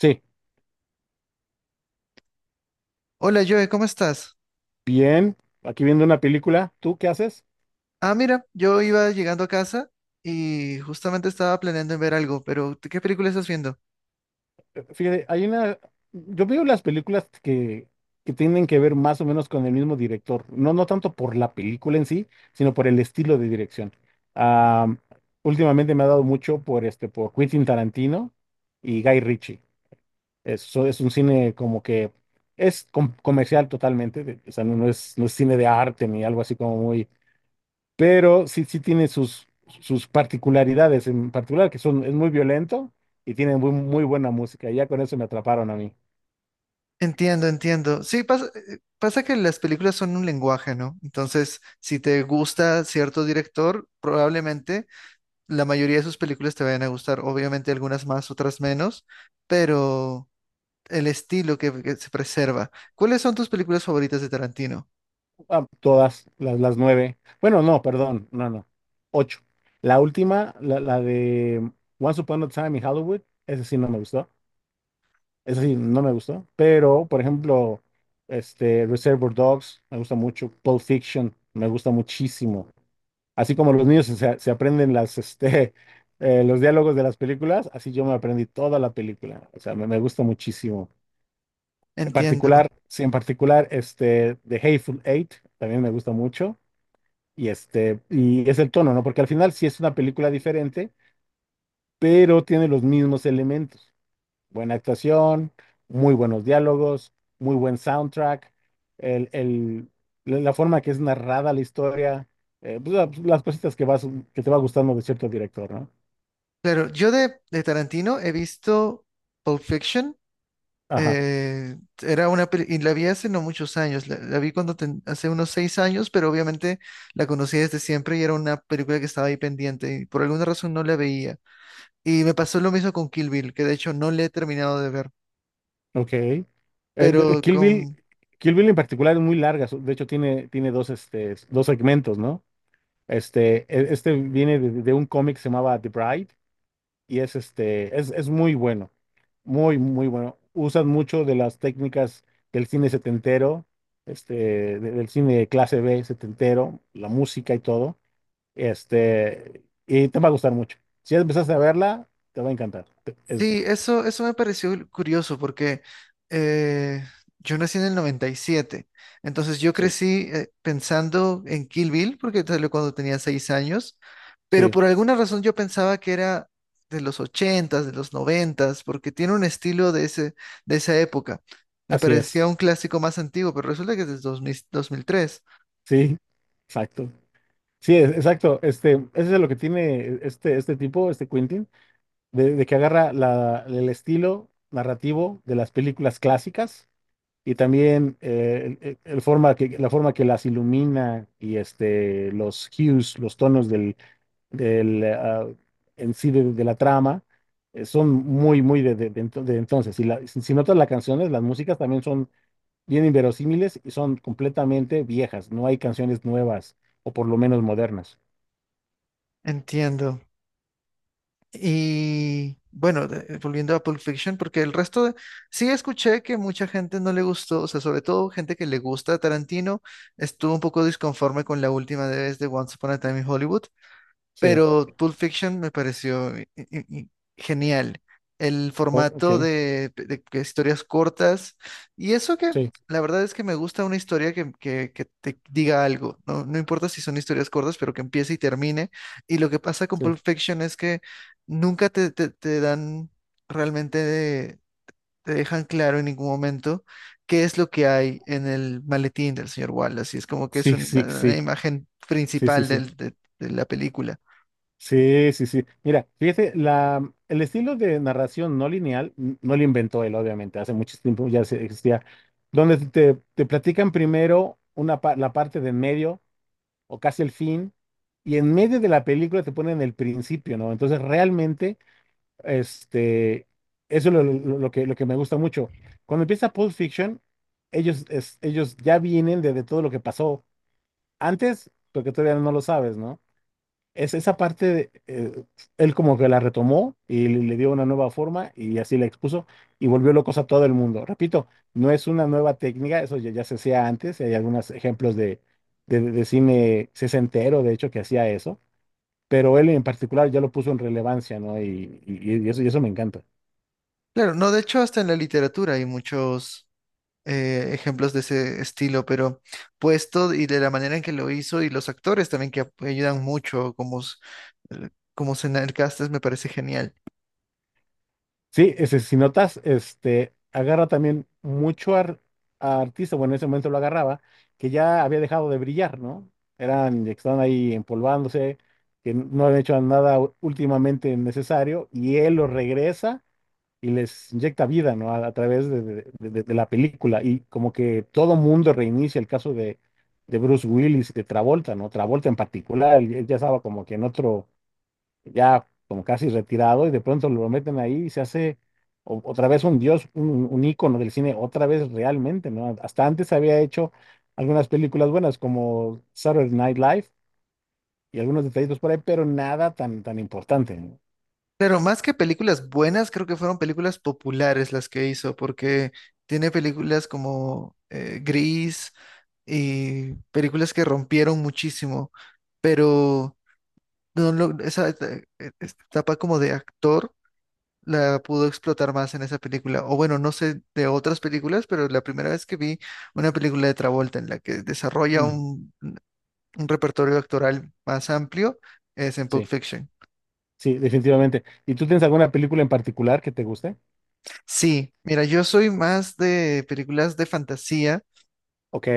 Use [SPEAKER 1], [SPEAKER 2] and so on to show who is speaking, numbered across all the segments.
[SPEAKER 1] Sí,
[SPEAKER 2] Hola Joe, ¿cómo estás?
[SPEAKER 1] bien. Aquí viendo una película, ¿tú qué haces?
[SPEAKER 2] Ah, mira, yo iba llegando a casa y justamente estaba planeando en ver algo, pero ¿tú ¿qué película estás viendo?
[SPEAKER 1] Fíjate, hay una, yo veo las películas que tienen que ver más o menos con el mismo director, no, no tanto por la película en sí, sino por el estilo de dirección. Am, Últimamente me ha dado mucho por este, por Quentin Tarantino y Guy Ritchie. Eso es un cine como que es comercial totalmente, o sea, no es, no es cine de arte ni algo así como muy pero sí, sus particularidades en particular, que son, es muy violento y tiene muy, muy buena música. Y ya con eso me atraparon a mí.
[SPEAKER 2] Entiendo, entiendo. Sí, pasa, pasa que las películas son un lenguaje, ¿no? Entonces, si te gusta cierto director, probablemente la mayoría de sus películas te vayan a gustar. Obviamente algunas más, otras menos, pero el estilo que se preserva. ¿Cuáles son tus películas favoritas de Tarantino?
[SPEAKER 1] Ah, las nueve. Bueno, no, perdón, no, no. Ocho. La última, la de Once Upon a Time in Hollywood, esa sí no me gustó. Esa sí no me gustó. Pero, por ejemplo, Reservoir Dogs me gusta mucho. Pulp Fiction me gusta muchísimo. Así como los niños se aprenden los diálogos de las películas, así yo me aprendí toda la película. O sea, me gusta muchísimo. En
[SPEAKER 2] Entiendo.
[SPEAKER 1] particular, sí, en particular, The Hateful Eight también me gusta mucho. Y este, y es el tono, ¿no? Porque al final sí es una película diferente, pero tiene los mismos elementos. Buena actuación, muy buenos diálogos, muy buen soundtrack, el, el- la forma que es narrada la historia, pues, las cositas que vas, que te va gustando de cierto director, ¿no?
[SPEAKER 2] Claro, yo de Tarantino he visto Pulp Fiction.
[SPEAKER 1] Ajá,
[SPEAKER 2] Eh, Era una y la vi hace no muchos años, la vi cuando hace unos 6 años, pero obviamente la conocí desde siempre y era una película que estaba ahí pendiente y por alguna razón no la veía. Y me pasó lo mismo con Kill Bill, que de hecho no le he terminado de ver,
[SPEAKER 1] ok.
[SPEAKER 2] pero
[SPEAKER 1] Kill Bill,
[SPEAKER 2] con
[SPEAKER 1] Kill Bill en particular es muy larga, de hecho tiene, tiene dos, dos segmentos, ¿no? Este, este viene de un cómic que se llamaba The Bride, y es es muy bueno, muy, muy bueno. Usan mucho de las técnicas del cine setentero, este, del cine de clase B setentero, la música y todo, y te va a gustar mucho. Si ya empezaste a verla, te va a encantar. Es,
[SPEAKER 2] Sí, eso me pareció curioso porque eh, yo nací en el 97, entonces yo
[SPEAKER 1] sí,
[SPEAKER 2] crecí pensando en Kill Bill porque salió cuando tenía 6 años, pero
[SPEAKER 1] sí,
[SPEAKER 2] por alguna razón yo pensaba que era de los ochentas, de los noventas, porque tiene un estilo de ese, de esa época. Me
[SPEAKER 1] así
[SPEAKER 2] parecía
[SPEAKER 1] es,
[SPEAKER 2] un clásico más antiguo, pero resulta que es de dos mil tres.
[SPEAKER 1] sí, exacto. Sí, exacto. Este, eso es lo que tiene este tipo, este Quentin, de que agarra el estilo narrativo de las películas clásicas. Y también el forma que, la forma que las ilumina y este, los tonos ah, en sí de la trama, son muy, muy de de entonces. Y si, si notas las canciones, las músicas también son bien inverosímiles y son completamente viejas. No hay canciones nuevas o por lo menos modernas.
[SPEAKER 2] Entiendo. Y bueno, volviendo a Pulp Fiction, porque el resto sí escuché que mucha gente no le gustó, o sea, sobre todo gente que le gusta a Tarantino, estuvo un poco disconforme con la última vez de Once Upon a Time in Hollywood,
[SPEAKER 1] Sí,
[SPEAKER 2] pero Pulp Fiction me pareció genial. El formato
[SPEAKER 1] ok,
[SPEAKER 2] de que historias cortas. Y eso que
[SPEAKER 1] sí,
[SPEAKER 2] la verdad es que me gusta una historia que te diga algo. No, no importa si son historias cortas, pero que empiece y termine. Y lo que pasa con
[SPEAKER 1] sí,
[SPEAKER 2] Pulp Fiction es que nunca te dan realmente, te dejan claro en ningún momento qué es lo que hay en el maletín del señor Wallace. Y es como que es
[SPEAKER 1] sí, sí,
[SPEAKER 2] una
[SPEAKER 1] sí,
[SPEAKER 2] imagen
[SPEAKER 1] sí, sí, sí.
[SPEAKER 2] principal
[SPEAKER 1] sí.
[SPEAKER 2] de la película.
[SPEAKER 1] Sí, sí, sí. Mira, fíjate, el estilo de narración no lineal no lo inventó él, obviamente, hace mucho tiempo ya existía, donde te platican primero una, la parte de en medio o casi el fin, y en medio de la película te ponen el principio, ¿no? Entonces, realmente, este, eso es lo que me gusta mucho. Cuando empieza Pulp Fiction, ellos ya vienen de todo lo que pasó antes, porque todavía no lo sabes, ¿no? Es esa parte, de, él como que la retomó y le dio una nueva forma y así la expuso y volvió locos a todo el mundo. Repito, no es una nueva técnica, eso ya, ya se hacía antes, hay algunos ejemplos de cine sesentero, de hecho, que hacía eso, pero él en particular ya lo puso en relevancia, ¿no? Y eso me encanta.
[SPEAKER 2] Claro, no, de hecho hasta en la literatura hay muchos ejemplos de ese estilo, pero puesto y de la manera en que lo hizo y los actores también que ayudan mucho, como Senal Castes, me parece genial.
[SPEAKER 1] Sí, ese, si notas, este, agarra también mucho a artista, bueno, en ese momento lo agarraba, que ya había dejado de brillar, ¿no? Eran, que estaban ahí empolvándose, que no habían hecho nada últimamente necesario, y él los regresa y les inyecta vida, ¿no? A través de la película, y como que todo mundo reinicia el caso de Bruce Willis y de Travolta, ¿no? Travolta en particular, él ya estaba como que en otro ya como casi retirado, y de pronto lo meten ahí y se hace otra vez un dios, un ícono del cine, otra vez realmente, ¿no? Hasta antes había hecho algunas películas buenas como Saturday Night Live y algunos detallitos por ahí, pero nada tan, tan importante, ¿no?
[SPEAKER 2] Claro, más que películas buenas, creo que fueron películas populares las que hizo, porque tiene películas como Gris y películas que rompieron muchísimo, pero no lo- esa etapa como de actor. La pudo explotar más en esa película. O bueno, no sé de otras películas, pero la primera vez que vi una película de Travolta en la que desarrolla
[SPEAKER 1] Mm.
[SPEAKER 2] un repertorio actoral más amplio es en Pulp
[SPEAKER 1] Sí,
[SPEAKER 2] Fiction.
[SPEAKER 1] sí, definitivamente. ¿Y tú tienes alguna película en particular que te guste?
[SPEAKER 2] Sí, mira, yo soy más de películas de fantasía.
[SPEAKER 1] Ok,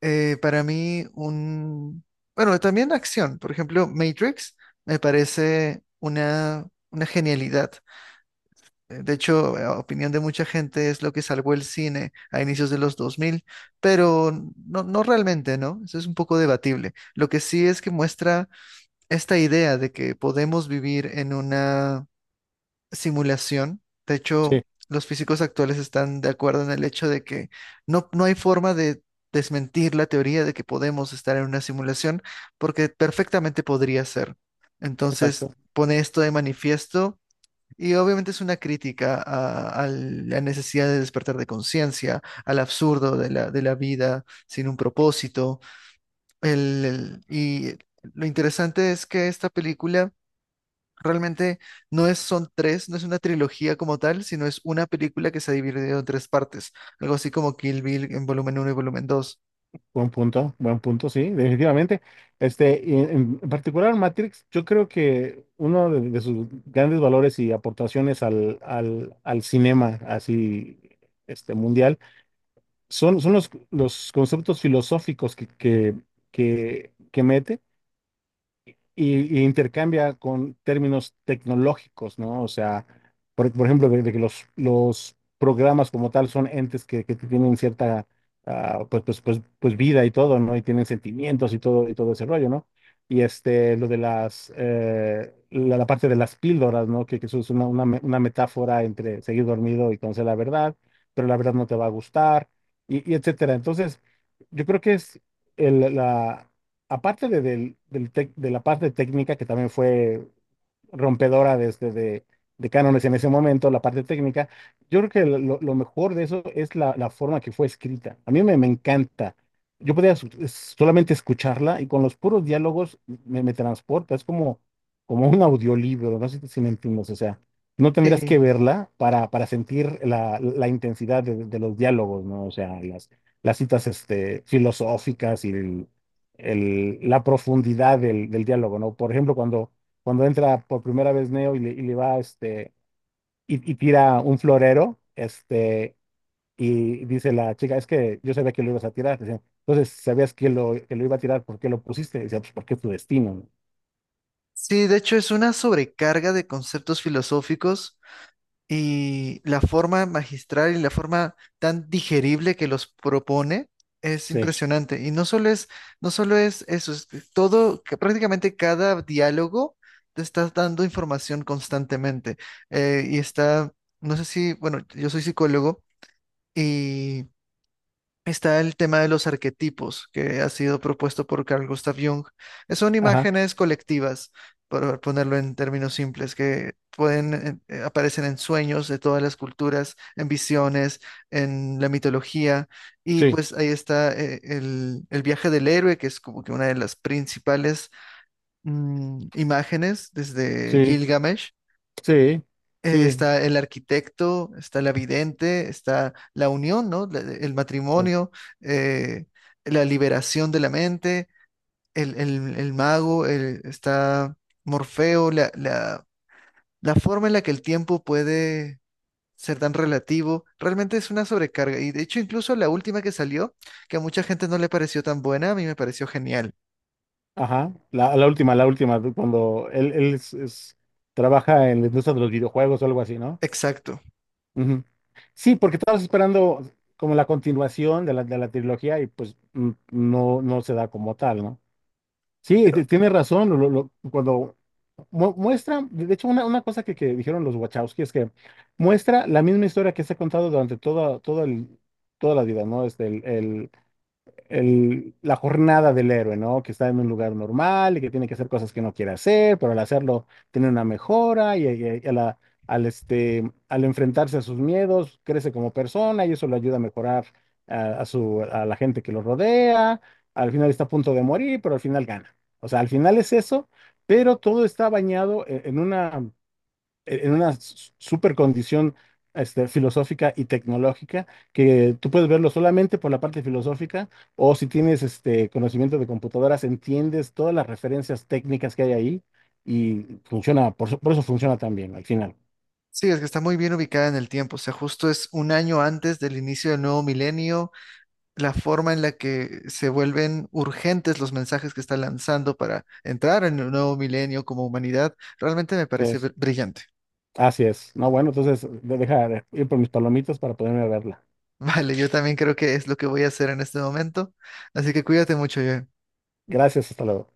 [SPEAKER 2] Para mí, un. Bueno, también acción. Por ejemplo, Matrix me parece una genialidad. De hecho, a opinión de mucha gente es lo que salvó el cine a inicios de los 2000, pero no realmente, ¿no? Eso es un poco debatible. Lo que sí es que muestra esta idea de que podemos vivir en una simulación. De hecho,
[SPEAKER 1] sí,
[SPEAKER 2] los físicos actuales están de acuerdo en el hecho de que no, no hay forma de desmentir la teoría de que podemos estar en una simulación, porque perfectamente podría ser. Entonces,
[SPEAKER 1] exacto.
[SPEAKER 2] pone esto de manifiesto y obviamente es una crítica a la necesidad de despertar de conciencia, al absurdo de la vida sin un propósito. Y lo interesante es que esta película realmente no es, son tres, no es una trilogía como tal, sino es una película que se ha dividido en tres partes, algo así como Kill Bill en volumen uno y volumen dos.
[SPEAKER 1] Buen punto, sí, definitivamente. Este, y en particular Matrix, yo creo que uno de sus grandes valores y aportaciones al cinema así este, mundial son los conceptos filosóficos que mete y intercambia con términos tecnológicos, ¿no? O sea, por ejemplo, de que los programas como tal son entes que tienen cierta, ah, pues vida y todo, ¿no? Y tienen sentimientos y todo ese rollo, ¿no? Y este, lo de las, la parte de las píldoras, ¿no? Que eso es una metáfora entre seguir dormido y conocer la verdad, pero la verdad no te va a gustar, y etcétera. Entonces, yo creo que es la, aparte del de la parte técnica, que también fue rompedora desde de cánones en ese momento, la parte técnica. Yo creo que lo mejor de eso es la forma que fue escrita. A mí me encanta. Yo podía solamente escucharla y con los puros diálogos me transporta. Es como, como un audiolibro, no sé si me entiendes. O sea, no tendrías
[SPEAKER 2] Sí,
[SPEAKER 1] que verla para sentir la intensidad de los diálogos, ¿no? O sea, las citas este, filosóficas y la profundidad del diálogo, ¿no? Por ejemplo, cuando entra por primera vez Neo y le va, este, y tira un florero, este, y dice la chica, es que yo sabía que lo ibas a tirar. Dice, entonces, sabías que que lo iba a tirar, ¿por qué lo pusiste? Dice, pues porque es tu destino. ¿No?
[SPEAKER 2] sí, de hecho es una sobrecarga de conceptos filosóficos y la forma magistral y la forma tan digerible que los propone es
[SPEAKER 1] Sí,
[SPEAKER 2] impresionante. Y no solo es, no solo es eso, es que todo, que prácticamente cada diálogo te está dando información constantemente. Y está, no sé si, bueno, yo soy psicólogo y está el tema de los arquetipos que ha sido propuesto por Carl Gustav Jung. Son
[SPEAKER 1] ajá,
[SPEAKER 2] imágenes colectivas, por ponerlo en términos simples, que pueden aparecen en sueños de todas las culturas, en visiones, en la mitología. Y
[SPEAKER 1] sí,
[SPEAKER 2] pues ahí está el viaje del héroe, que es como que una de las principales imágenes desde
[SPEAKER 1] sí,
[SPEAKER 2] Gilgamesh.
[SPEAKER 1] sí, sí,
[SPEAKER 2] Está el arquitecto, está la vidente, está la unión, ¿no? El
[SPEAKER 1] sí,
[SPEAKER 2] matrimonio, eh, la liberación de la mente, el mago, está Morfeo, la forma en la que el tiempo puede ser tan relativo, realmente es una sobrecarga. Y de hecho, incluso la última que salió, que a mucha gente no le pareció tan buena, a mí me pareció genial.
[SPEAKER 1] ajá. La última, cuando trabaja en la industria de los videojuegos o algo así, ¿no?
[SPEAKER 2] Exacto.
[SPEAKER 1] Ujú. Sí, porque estabas esperando como la continuación de la trilogía y pues mm, no, no se da como tal, ¿no? Sí,
[SPEAKER 2] Pero
[SPEAKER 1] tienes razón, cuando muestra, de hecho una cosa que dijeron los Wachowski es que muestra la misma historia que se ha contado durante toda la vida, ¿no? Este, el, la jornada del héroe, ¿no? Que está en un lugar normal y que tiene que hacer cosas que no quiere hacer, pero al hacerlo tiene una mejora y a este, al enfrentarse a sus miedos crece como persona y eso le ayuda a mejorar a su, a la gente que lo rodea. Al final está a punto de morir, pero al final gana. O sea, al final es eso, pero todo está bañado en una en una super condición este, filosófica y tecnológica que tú puedes verlo solamente por la parte filosófica o si tienes este conocimiento de computadoras, entiendes todas las referencias técnicas que hay ahí y funciona, eso por eso funciona tan bien al final.
[SPEAKER 2] sí, es que está muy bien ubicada en el tiempo. O sea, justo es un año antes del inicio del nuevo milenio. La forma en la que se vuelven urgentes los mensajes que está lanzando para entrar en un nuevo milenio como humanidad, realmente me parece
[SPEAKER 1] Entonces,
[SPEAKER 2] brillante.
[SPEAKER 1] así es. No, bueno, entonces deja ir por mis palomitas para poderme verla.
[SPEAKER 2] Vale, yo también creo que es lo que voy a hacer en este momento. Así que cuídate mucho, yo.
[SPEAKER 1] Gracias, hasta luego.